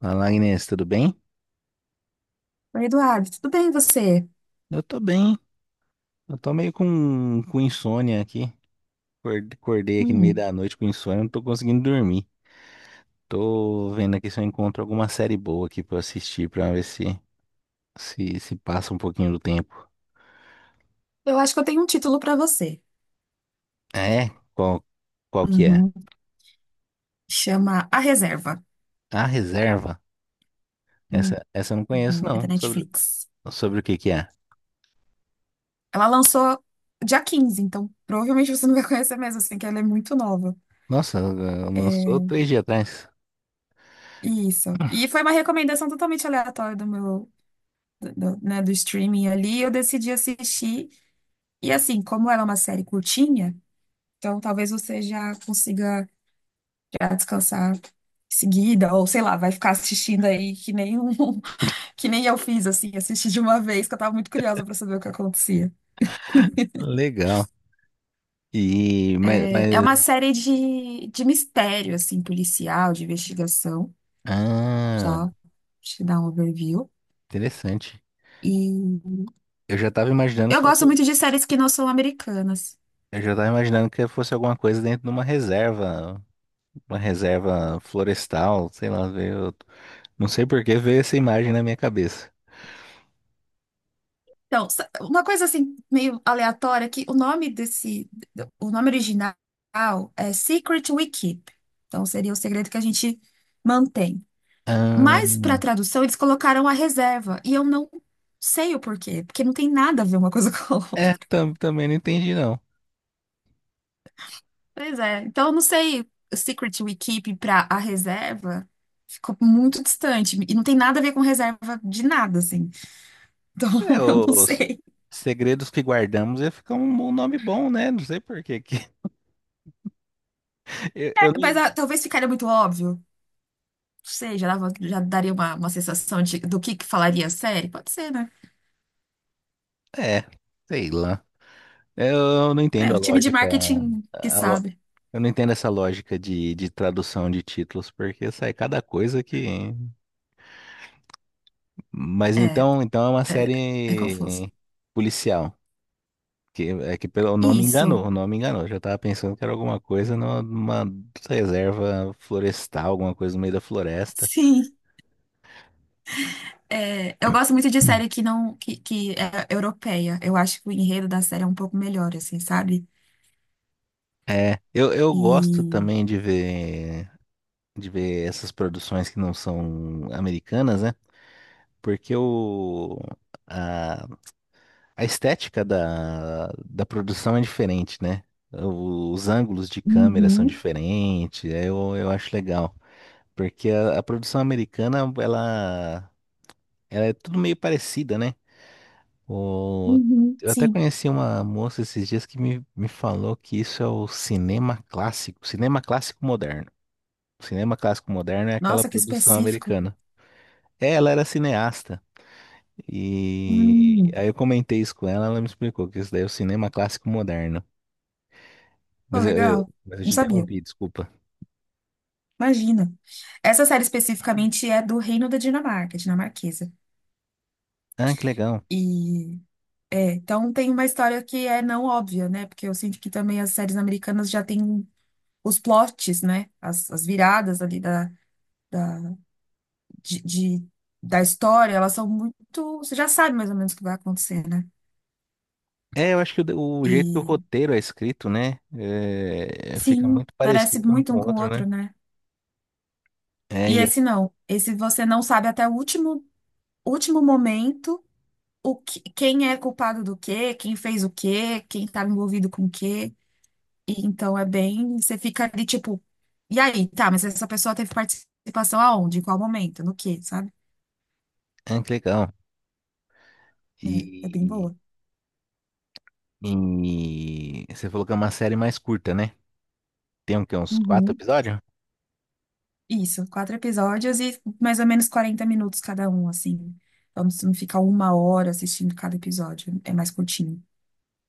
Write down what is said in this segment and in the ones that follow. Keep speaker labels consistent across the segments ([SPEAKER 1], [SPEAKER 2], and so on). [SPEAKER 1] Fala, Agnes, tudo bem?
[SPEAKER 2] Oi, Eduardo, tudo bem e você?
[SPEAKER 1] Eu tô bem. Eu tô meio com insônia aqui. Acordei aqui no meio
[SPEAKER 2] Hum,
[SPEAKER 1] da noite com insônia, não tô conseguindo dormir. Tô vendo aqui se eu encontro alguma série boa aqui pra eu assistir, pra ver se passa um pouquinho do tempo.
[SPEAKER 2] eu acho que eu tenho um título para você.
[SPEAKER 1] Ah, é? Qual que é?
[SPEAKER 2] Uhum. Chama A Reserva.
[SPEAKER 1] A Reserva?
[SPEAKER 2] Hum,
[SPEAKER 1] Essa eu não conheço,
[SPEAKER 2] É da
[SPEAKER 1] não. Sobre,
[SPEAKER 2] Netflix.
[SPEAKER 1] sobre o que que é?
[SPEAKER 2] Ela lançou dia 15, então provavelmente você não vai conhecer mesmo, assim, que ela é muito nova.
[SPEAKER 1] Nossa, lançou 3 dias atrás.
[SPEAKER 2] Isso. E foi uma recomendação totalmente aleatória do, né, do streaming ali. Eu decidi assistir. E assim, como ela é uma série curtinha, então talvez você já consiga já descansar em seguida, ou sei lá, vai ficar assistindo aí que nem um. Que nem eu fiz, assim, assisti de uma vez, que eu tava muito curiosa pra saber o que acontecia.
[SPEAKER 1] Legal. E, mas,
[SPEAKER 2] É uma
[SPEAKER 1] mas...
[SPEAKER 2] série de mistério, assim, policial, de investigação,
[SPEAKER 1] Ah,
[SPEAKER 2] só te dar um overview.
[SPEAKER 1] interessante.
[SPEAKER 2] E
[SPEAKER 1] Eu já tava imaginando que
[SPEAKER 2] eu
[SPEAKER 1] fosse
[SPEAKER 2] gosto muito de séries que não são americanas.
[SPEAKER 1] Eu já tava imaginando que fosse alguma coisa dentro de uma reserva florestal, sei lá, não sei por que veio essa imagem na minha cabeça.
[SPEAKER 2] Então, uma coisa, assim, meio aleatória, que o nome desse, o nome original é Secret We Keep. Então, seria o segredo que a gente mantém. Mas para
[SPEAKER 1] Ahn,
[SPEAKER 2] tradução eles colocaram a reserva e eu não sei o porquê, porque não tem nada a ver uma coisa com a
[SPEAKER 1] é,
[SPEAKER 2] outra.
[SPEAKER 1] também não entendi não.
[SPEAKER 2] Pois é, então eu não sei, Secret We Keep para a reserva ficou muito distante e não tem nada a ver com reserva de nada assim. Então
[SPEAKER 1] É,
[SPEAKER 2] eu não
[SPEAKER 1] os
[SPEAKER 2] sei.
[SPEAKER 1] segredos que guardamos ia ficar bom nome bom, né? Não sei por que que eu
[SPEAKER 2] É, mas
[SPEAKER 1] não,
[SPEAKER 2] talvez ficaria muito óbvio. Não sei, já daria uma sensação do que falaria a série. Pode ser, né?
[SPEAKER 1] é, sei lá. Eu não
[SPEAKER 2] É,
[SPEAKER 1] entendo a
[SPEAKER 2] o time de
[SPEAKER 1] lógica.
[SPEAKER 2] marketing que
[SPEAKER 1] a lo-
[SPEAKER 2] sabe.
[SPEAKER 1] Eu não entendo essa lógica de tradução de títulos, porque sai cada coisa que. Mas
[SPEAKER 2] É,
[SPEAKER 1] então é uma
[SPEAKER 2] é, é confuso.
[SPEAKER 1] série policial. É que pelo nome
[SPEAKER 2] Isso.
[SPEAKER 1] enganou, o nome enganou. Eu já tava pensando que era alguma coisa numa reserva florestal, alguma coisa no meio da floresta.
[SPEAKER 2] Sim. É, eu gosto muito de
[SPEAKER 1] Hum.
[SPEAKER 2] série que não que, que é europeia. Eu acho que o enredo da série é um pouco melhor, assim, sabe?
[SPEAKER 1] É, eu gosto
[SPEAKER 2] E
[SPEAKER 1] também de ver essas produções que não são americanas, né? Porque o, A estética da produção é diferente, né? Os ângulos de câmera são
[SPEAKER 2] Uhum,
[SPEAKER 1] diferentes, é, eu acho legal. Porque a produção americana, ela é tudo meio parecida, né? O,
[SPEAKER 2] uhum,
[SPEAKER 1] eu até
[SPEAKER 2] sim.
[SPEAKER 1] conheci uma moça esses dias que me falou que isso é o cinema clássico moderno. O cinema clássico moderno é aquela
[SPEAKER 2] Nossa, que
[SPEAKER 1] produção
[SPEAKER 2] específico.
[SPEAKER 1] americana. É, ela era cineasta. E
[SPEAKER 2] Hum,
[SPEAKER 1] aí eu comentei isso com ela, ela me explicou que isso daí é o cinema clássico moderno.
[SPEAKER 2] pô,
[SPEAKER 1] Mas eh, eh,
[SPEAKER 2] legal.
[SPEAKER 1] mas eu
[SPEAKER 2] Não
[SPEAKER 1] te
[SPEAKER 2] sabia.
[SPEAKER 1] interrompi, desculpa.
[SPEAKER 2] Imagina. Essa série especificamente é do Reino da Dinamarca, dinamarquesa.
[SPEAKER 1] Ah, que legal.
[SPEAKER 2] E é, então tem uma história que é não óbvia, né? Porque eu sinto que também as séries americanas já têm os plots, né? As viradas ali da- de, de- da história, elas são muito. Você já sabe mais ou menos o que vai acontecer, né?
[SPEAKER 1] É, eu acho que o jeito que o
[SPEAKER 2] E
[SPEAKER 1] roteiro é escrito, né? Fica
[SPEAKER 2] sim,
[SPEAKER 1] muito
[SPEAKER 2] parece
[SPEAKER 1] parecido um
[SPEAKER 2] muito
[SPEAKER 1] com
[SPEAKER 2] um
[SPEAKER 1] o
[SPEAKER 2] com o
[SPEAKER 1] outro, né?
[SPEAKER 2] outro, né?
[SPEAKER 1] É,
[SPEAKER 2] E
[SPEAKER 1] e, é,
[SPEAKER 2] esse não. Esse você não sabe até o último momento o que, quem é culpado do quê, quem fez o quê, quem estava envolvido com o quê. E, então é bem. Você fica ali tipo. E aí, tá, mas essa pessoa teve participação aonde? Em qual momento? No quê, sabe?
[SPEAKER 1] ah, que legal.
[SPEAKER 2] É, é bem
[SPEAKER 1] E,
[SPEAKER 2] boa.
[SPEAKER 1] e você falou que é uma série mais curta, né? Tem o quê? Uns quatro
[SPEAKER 2] Uhum.
[SPEAKER 1] episódios?
[SPEAKER 2] Isso, quatro episódios e mais ou menos 40 minutos cada um, assim. Então, se não ficar uma hora assistindo cada episódio, é mais curtinho.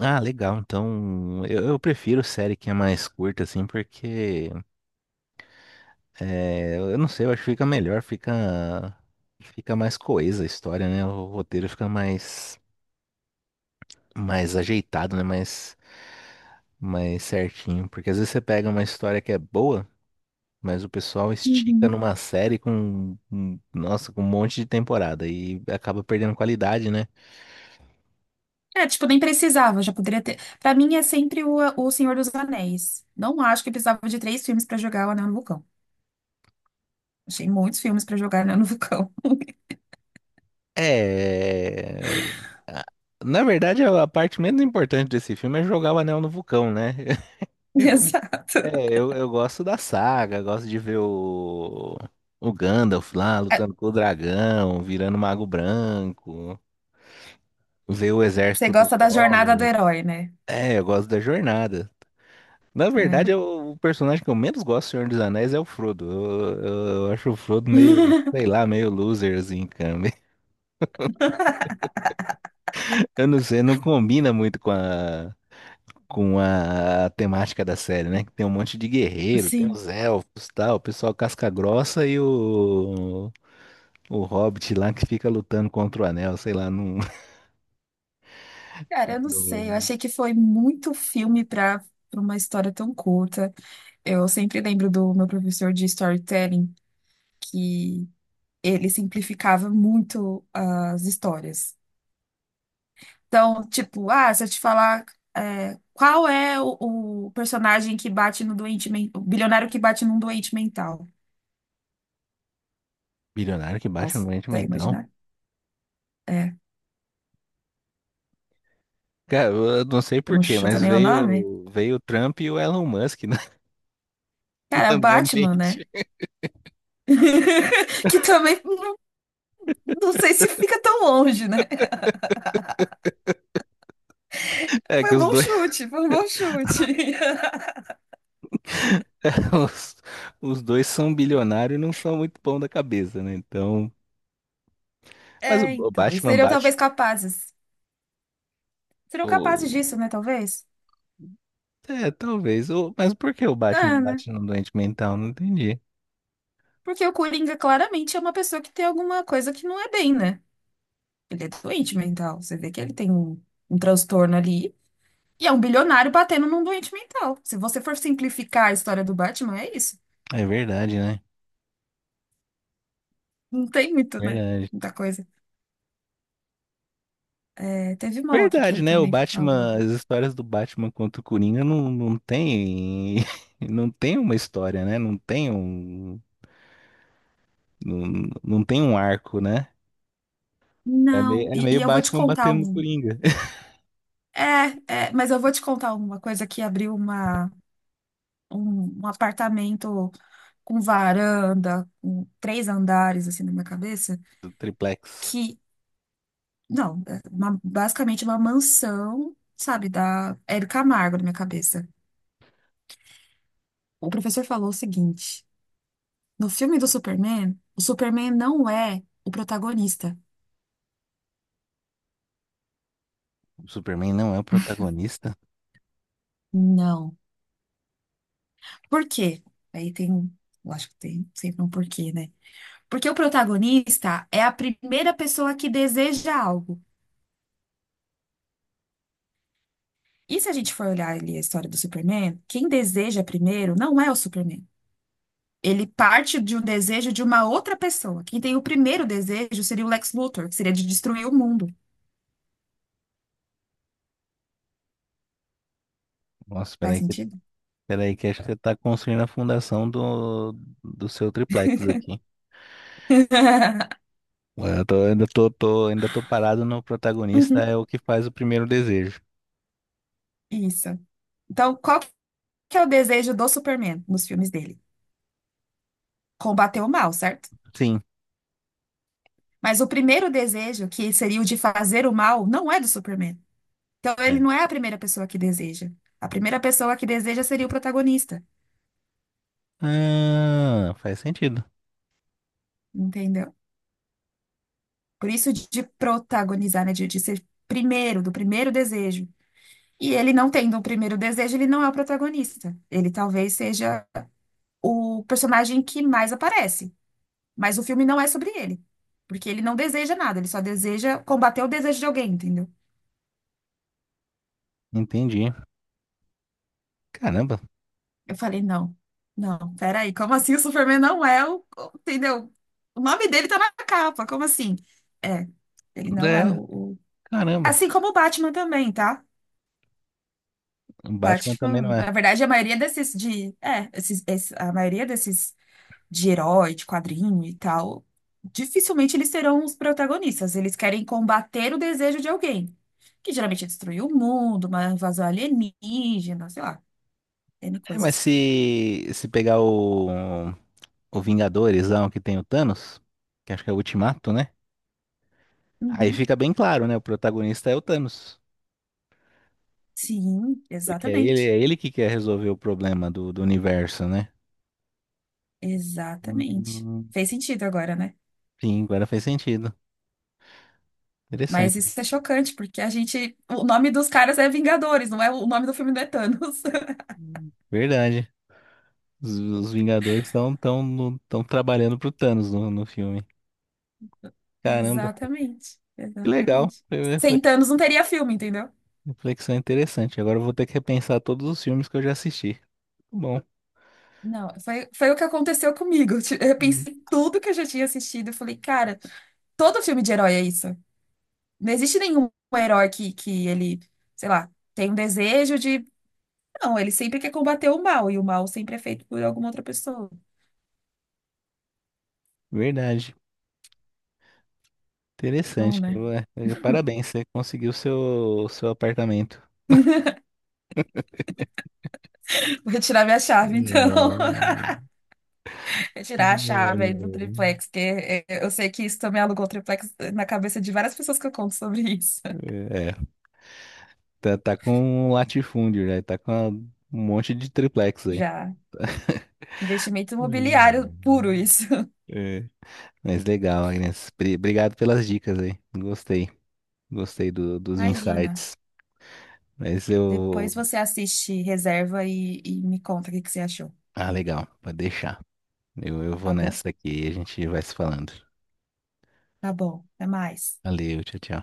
[SPEAKER 1] Ah, legal. Então, eu prefiro série que é mais curta, assim, porque eu não sei, eu acho que fica melhor, fica mais coesa a história, né? O roteiro fica mais ajeitado, né? Mais certinho. Porque às vezes você pega uma história que é boa, mas o pessoal estica
[SPEAKER 2] Uhum.
[SPEAKER 1] numa série nossa, com um monte de temporada e acaba perdendo qualidade, né?
[SPEAKER 2] É, tipo, nem precisava, já poderia ter. Pra mim é sempre o Senhor dos Anéis. Não acho que precisava de três filmes pra jogar o Anel no Vulcão. Achei muitos filmes pra jogar o Anel no Vulcão.
[SPEAKER 1] É. a- Na verdade, a parte menos importante desse filme é jogar o anel no vulcão, né? Eu-
[SPEAKER 2] Exato.
[SPEAKER 1] É, eu gosto da saga, gosto de ver o Gandalf lá
[SPEAKER 2] É,
[SPEAKER 1] lutando com o dragão, virando mago branco, ver o
[SPEAKER 2] você
[SPEAKER 1] exército
[SPEAKER 2] gosta
[SPEAKER 1] dos
[SPEAKER 2] da
[SPEAKER 1] orcs.
[SPEAKER 2] jornada do herói, né?
[SPEAKER 1] É, eu gosto da jornada. Na verdade,
[SPEAKER 2] É.
[SPEAKER 1] o personagem que eu menos gosto do Senhor dos Anéis é o Frodo. Eu acho o Frodo meio, sei lá, meio loser, assim, cara. Eu não sei, não combina muito com a temática da série, né? Que tem um monte de guerreiro, tem
[SPEAKER 2] Sim.
[SPEAKER 1] os elfos, tal, o pessoal casca grossa e o Hobbit lá que fica lutando contra o Anel, sei lá, num,
[SPEAKER 2] Cara, eu não sei. Eu
[SPEAKER 1] do
[SPEAKER 2] achei que foi muito filme pra uma história tão curta. Eu sempre lembro do meu professor de storytelling que ele simplificava muito as histórias. Então, tipo, se eu te falar, qual é o personagem que bate no doente mental, o bilionário que bate num doente mental.
[SPEAKER 1] bilionário que baixa no doente
[SPEAKER 2] Consegue
[SPEAKER 1] mental.
[SPEAKER 2] imaginar? É,
[SPEAKER 1] Cara, eu não sei
[SPEAKER 2] eu
[SPEAKER 1] por
[SPEAKER 2] não
[SPEAKER 1] quê,
[SPEAKER 2] chuta
[SPEAKER 1] mas
[SPEAKER 2] nem o nome.
[SPEAKER 1] veio o Trump e o Elon Musk, né?
[SPEAKER 2] Cara, é
[SPEAKER 1] na
[SPEAKER 2] o
[SPEAKER 1] minha
[SPEAKER 2] Batman, né?
[SPEAKER 1] mente.
[SPEAKER 2] Que também não sei se fica tão longe, né?
[SPEAKER 1] É
[SPEAKER 2] Foi
[SPEAKER 1] que
[SPEAKER 2] um
[SPEAKER 1] os
[SPEAKER 2] bom
[SPEAKER 1] dois,
[SPEAKER 2] chute, foi um bom chute.
[SPEAKER 1] os, os dois são bilionários e não são muito bom da cabeça, né? Então, mas o,
[SPEAKER 2] É,
[SPEAKER 1] o
[SPEAKER 2] então, e
[SPEAKER 1] Batman
[SPEAKER 2] seriam
[SPEAKER 1] bate
[SPEAKER 2] talvez capazes. Serão capazes disso,
[SPEAKER 1] o.
[SPEAKER 2] né? Talvez?
[SPEAKER 1] É, talvez. Mas por que o Batman
[SPEAKER 2] Ah, né?
[SPEAKER 1] bate no doente mental? Não entendi.
[SPEAKER 2] Porque o Coringa claramente é uma pessoa que tem alguma coisa que não é bem, né? Ele é doente mental. Você vê que ele tem um transtorno ali. E é um bilionário batendo num doente mental. Se você for simplificar a história do Batman, é isso.
[SPEAKER 1] É verdade, né?
[SPEAKER 2] Não tem muito, né?
[SPEAKER 1] Verdade.
[SPEAKER 2] Muita coisa. É, teve uma outra que
[SPEAKER 1] Verdade,
[SPEAKER 2] ele
[SPEAKER 1] né? O
[SPEAKER 2] também
[SPEAKER 1] Batman,
[SPEAKER 2] falou.
[SPEAKER 1] as histórias do Batman contra o Coringa não tem, não tem uma história, né? Não tem um, não tem um arco, né? É
[SPEAKER 2] Não,
[SPEAKER 1] meio, é
[SPEAKER 2] e,
[SPEAKER 1] meio
[SPEAKER 2] e eu vou te
[SPEAKER 1] Batman
[SPEAKER 2] contar
[SPEAKER 1] batendo no
[SPEAKER 2] um.
[SPEAKER 1] Coringa.
[SPEAKER 2] É, mas eu vou te contar uma coisa que abriu um apartamento com varanda, com três andares, assim, na minha cabeça,
[SPEAKER 1] Do triplex.
[SPEAKER 2] que, não, basicamente uma mansão, sabe, da Hebe Camargo na minha cabeça. O professor falou o seguinte, no filme do Superman, o Superman não é o protagonista.
[SPEAKER 1] O Superman não é o protagonista?
[SPEAKER 2] Não. Por quê? Aí tem, eu acho que tem sempre um porquê, né? Porque o protagonista é a primeira pessoa que deseja algo. E se a gente for olhar ali a história do Superman, quem deseja primeiro não é o Superman. Ele parte de um desejo de uma outra pessoa. Quem tem o primeiro desejo seria o Lex Luthor, que seria de destruir o mundo.
[SPEAKER 1] Nossa,
[SPEAKER 2] Faz
[SPEAKER 1] peraí que,
[SPEAKER 2] sentido?
[SPEAKER 1] peraí que acho que você tá construindo a fundação do seu triplex aqui. Ué, Eu tô- ainda tô parado no protagonista é
[SPEAKER 2] Uhum,
[SPEAKER 1] o que faz o primeiro desejo.
[SPEAKER 2] isso. Então, qual que é o desejo do Superman nos filmes dele? Combater o mal, certo?
[SPEAKER 1] Sim.
[SPEAKER 2] Mas o primeiro desejo, que seria o de fazer o mal, não é do Superman. Então, ele
[SPEAKER 1] É.
[SPEAKER 2] não é a primeira pessoa que deseja. A primeira pessoa que deseja seria o protagonista,
[SPEAKER 1] Ah, faz sentido.
[SPEAKER 2] entendeu? Por isso de protagonizar, né? De ser primeiro, do primeiro desejo. E ele não tendo o primeiro desejo, ele não é o protagonista. Ele talvez seja o personagem que mais aparece, mas o filme não é sobre ele, porque ele não deseja nada, ele só deseja combater o desejo de alguém, entendeu?
[SPEAKER 1] Entendi. Caramba.
[SPEAKER 2] Eu falei, não, não, peraí, como assim o Superman não é. Entendeu? O nome dele tá na capa, como assim? É, ele não é
[SPEAKER 1] É,
[SPEAKER 2] o, o-
[SPEAKER 1] caramba.
[SPEAKER 2] Assim como o Batman também, tá?
[SPEAKER 1] O
[SPEAKER 2] O
[SPEAKER 1] Batman também não
[SPEAKER 2] Batman,
[SPEAKER 1] é.
[SPEAKER 2] na verdade, a maioria desses de, é, esses, esse- a maioria desses de herói, de quadrinho e tal, dificilmente eles serão os protagonistas. Eles querem combater o desejo de alguém, que geralmente é destruir o mundo, uma invasão alienígena, sei lá, N
[SPEAKER 1] É, mas
[SPEAKER 2] coisas.
[SPEAKER 1] se pegar o Vingadores lá, o que tem o Thanos, que acho que é o Ultimato, né? Aí
[SPEAKER 2] Uhum.
[SPEAKER 1] fica bem claro, né? O protagonista é o Thanos.
[SPEAKER 2] Sim,
[SPEAKER 1] Porque
[SPEAKER 2] exatamente.
[SPEAKER 1] é ele que quer resolver o problema do universo, né?
[SPEAKER 2] Exatamente.
[SPEAKER 1] Hum.
[SPEAKER 2] Fez sentido agora, né?
[SPEAKER 1] Sim, agora faz sentido.
[SPEAKER 2] Mas
[SPEAKER 1] Interessante.
[SPEAKER 2] isso é chocante, porque a gente. O nome dos caras é Vingadores, não é o nome do filme não é Thanos.
[SPEAKER 1] Hum. Verdade. Os Vingadores estão tão trabalhando pro Thanos no filme. Caramba,
[SPEAKER 2] Exatamente,
[SPEAKER 1] que legal.
[SPEAKER 2] exatamente.
[SPEAKER 1] Foi uma
[SPEAKER 2] Sem Thanos não teria filme, entendeu?
[SPEAKER 1] reflexão interessante. Agora eu vou ter que repensar todos os filmes que eu já assisti. Tá bom.
[SPEAKER 2] Não, foi o que aconteceu comigo. Eu
[SPEAKER 1] Hum.
[SPEAKER 2] pensei em tudo que eu já tinha assistido. Eu falei, cara, todo filme de herói é isso. Não existe nenhum herói que ele, sei lá, tem um desejo de. Não, ele sempre quer combater o mal, e o mal sempre é feito por alguma outra pessoa.
[SPEAKER 1] Verdade.
[SPEAKER 2] Bom,
[SPEAKER 1] Interessante.
[SPEAKER 2] né?
[SPEAKER 1] Ué, parabéns, você conseguiu seu apartamento.
[SPEAKER 2] Vou retirar minha chave, então.
[SPEAKER 1] Não,
[SPEAKER 2] Retirar a chave aí do
[SPEAKER 1] não.
[SPEAKER 2] triplex, que eu sei que isso também alugou o triplex na cabeça de várias pessoas que eu conto sobre isso.
[SPEAKER 1] É. Tá, tá com um latifúndio já, tá com um monte de triplex aí.
[SPEAKER 2] Já. Investimento imobiliário puro, isso.
[SPEAKER 1] É. Mas legal, Agnes. Obrigado pelas dicas aí. Gostei. Gostei dos
[SPEAKER 2] Imagina.
[SPEAKER 1] insights. Mas
[SPEAKER 2] Depois
[SPEAKER 1] eu.
[SPEAKER 2] você assiste Reserva e me conta o que que você achou,
[SPEAKER 1] Ah, legal. Pode deixar. Eu vou
[SPEAKER 2] tá bom?
[SPEAKER 1] nessa aqui e a gente vai se falando.
[SPEAKER 2] Tá bom, até mais.
[SPEAKER 1] Valeu, tchau, tchau.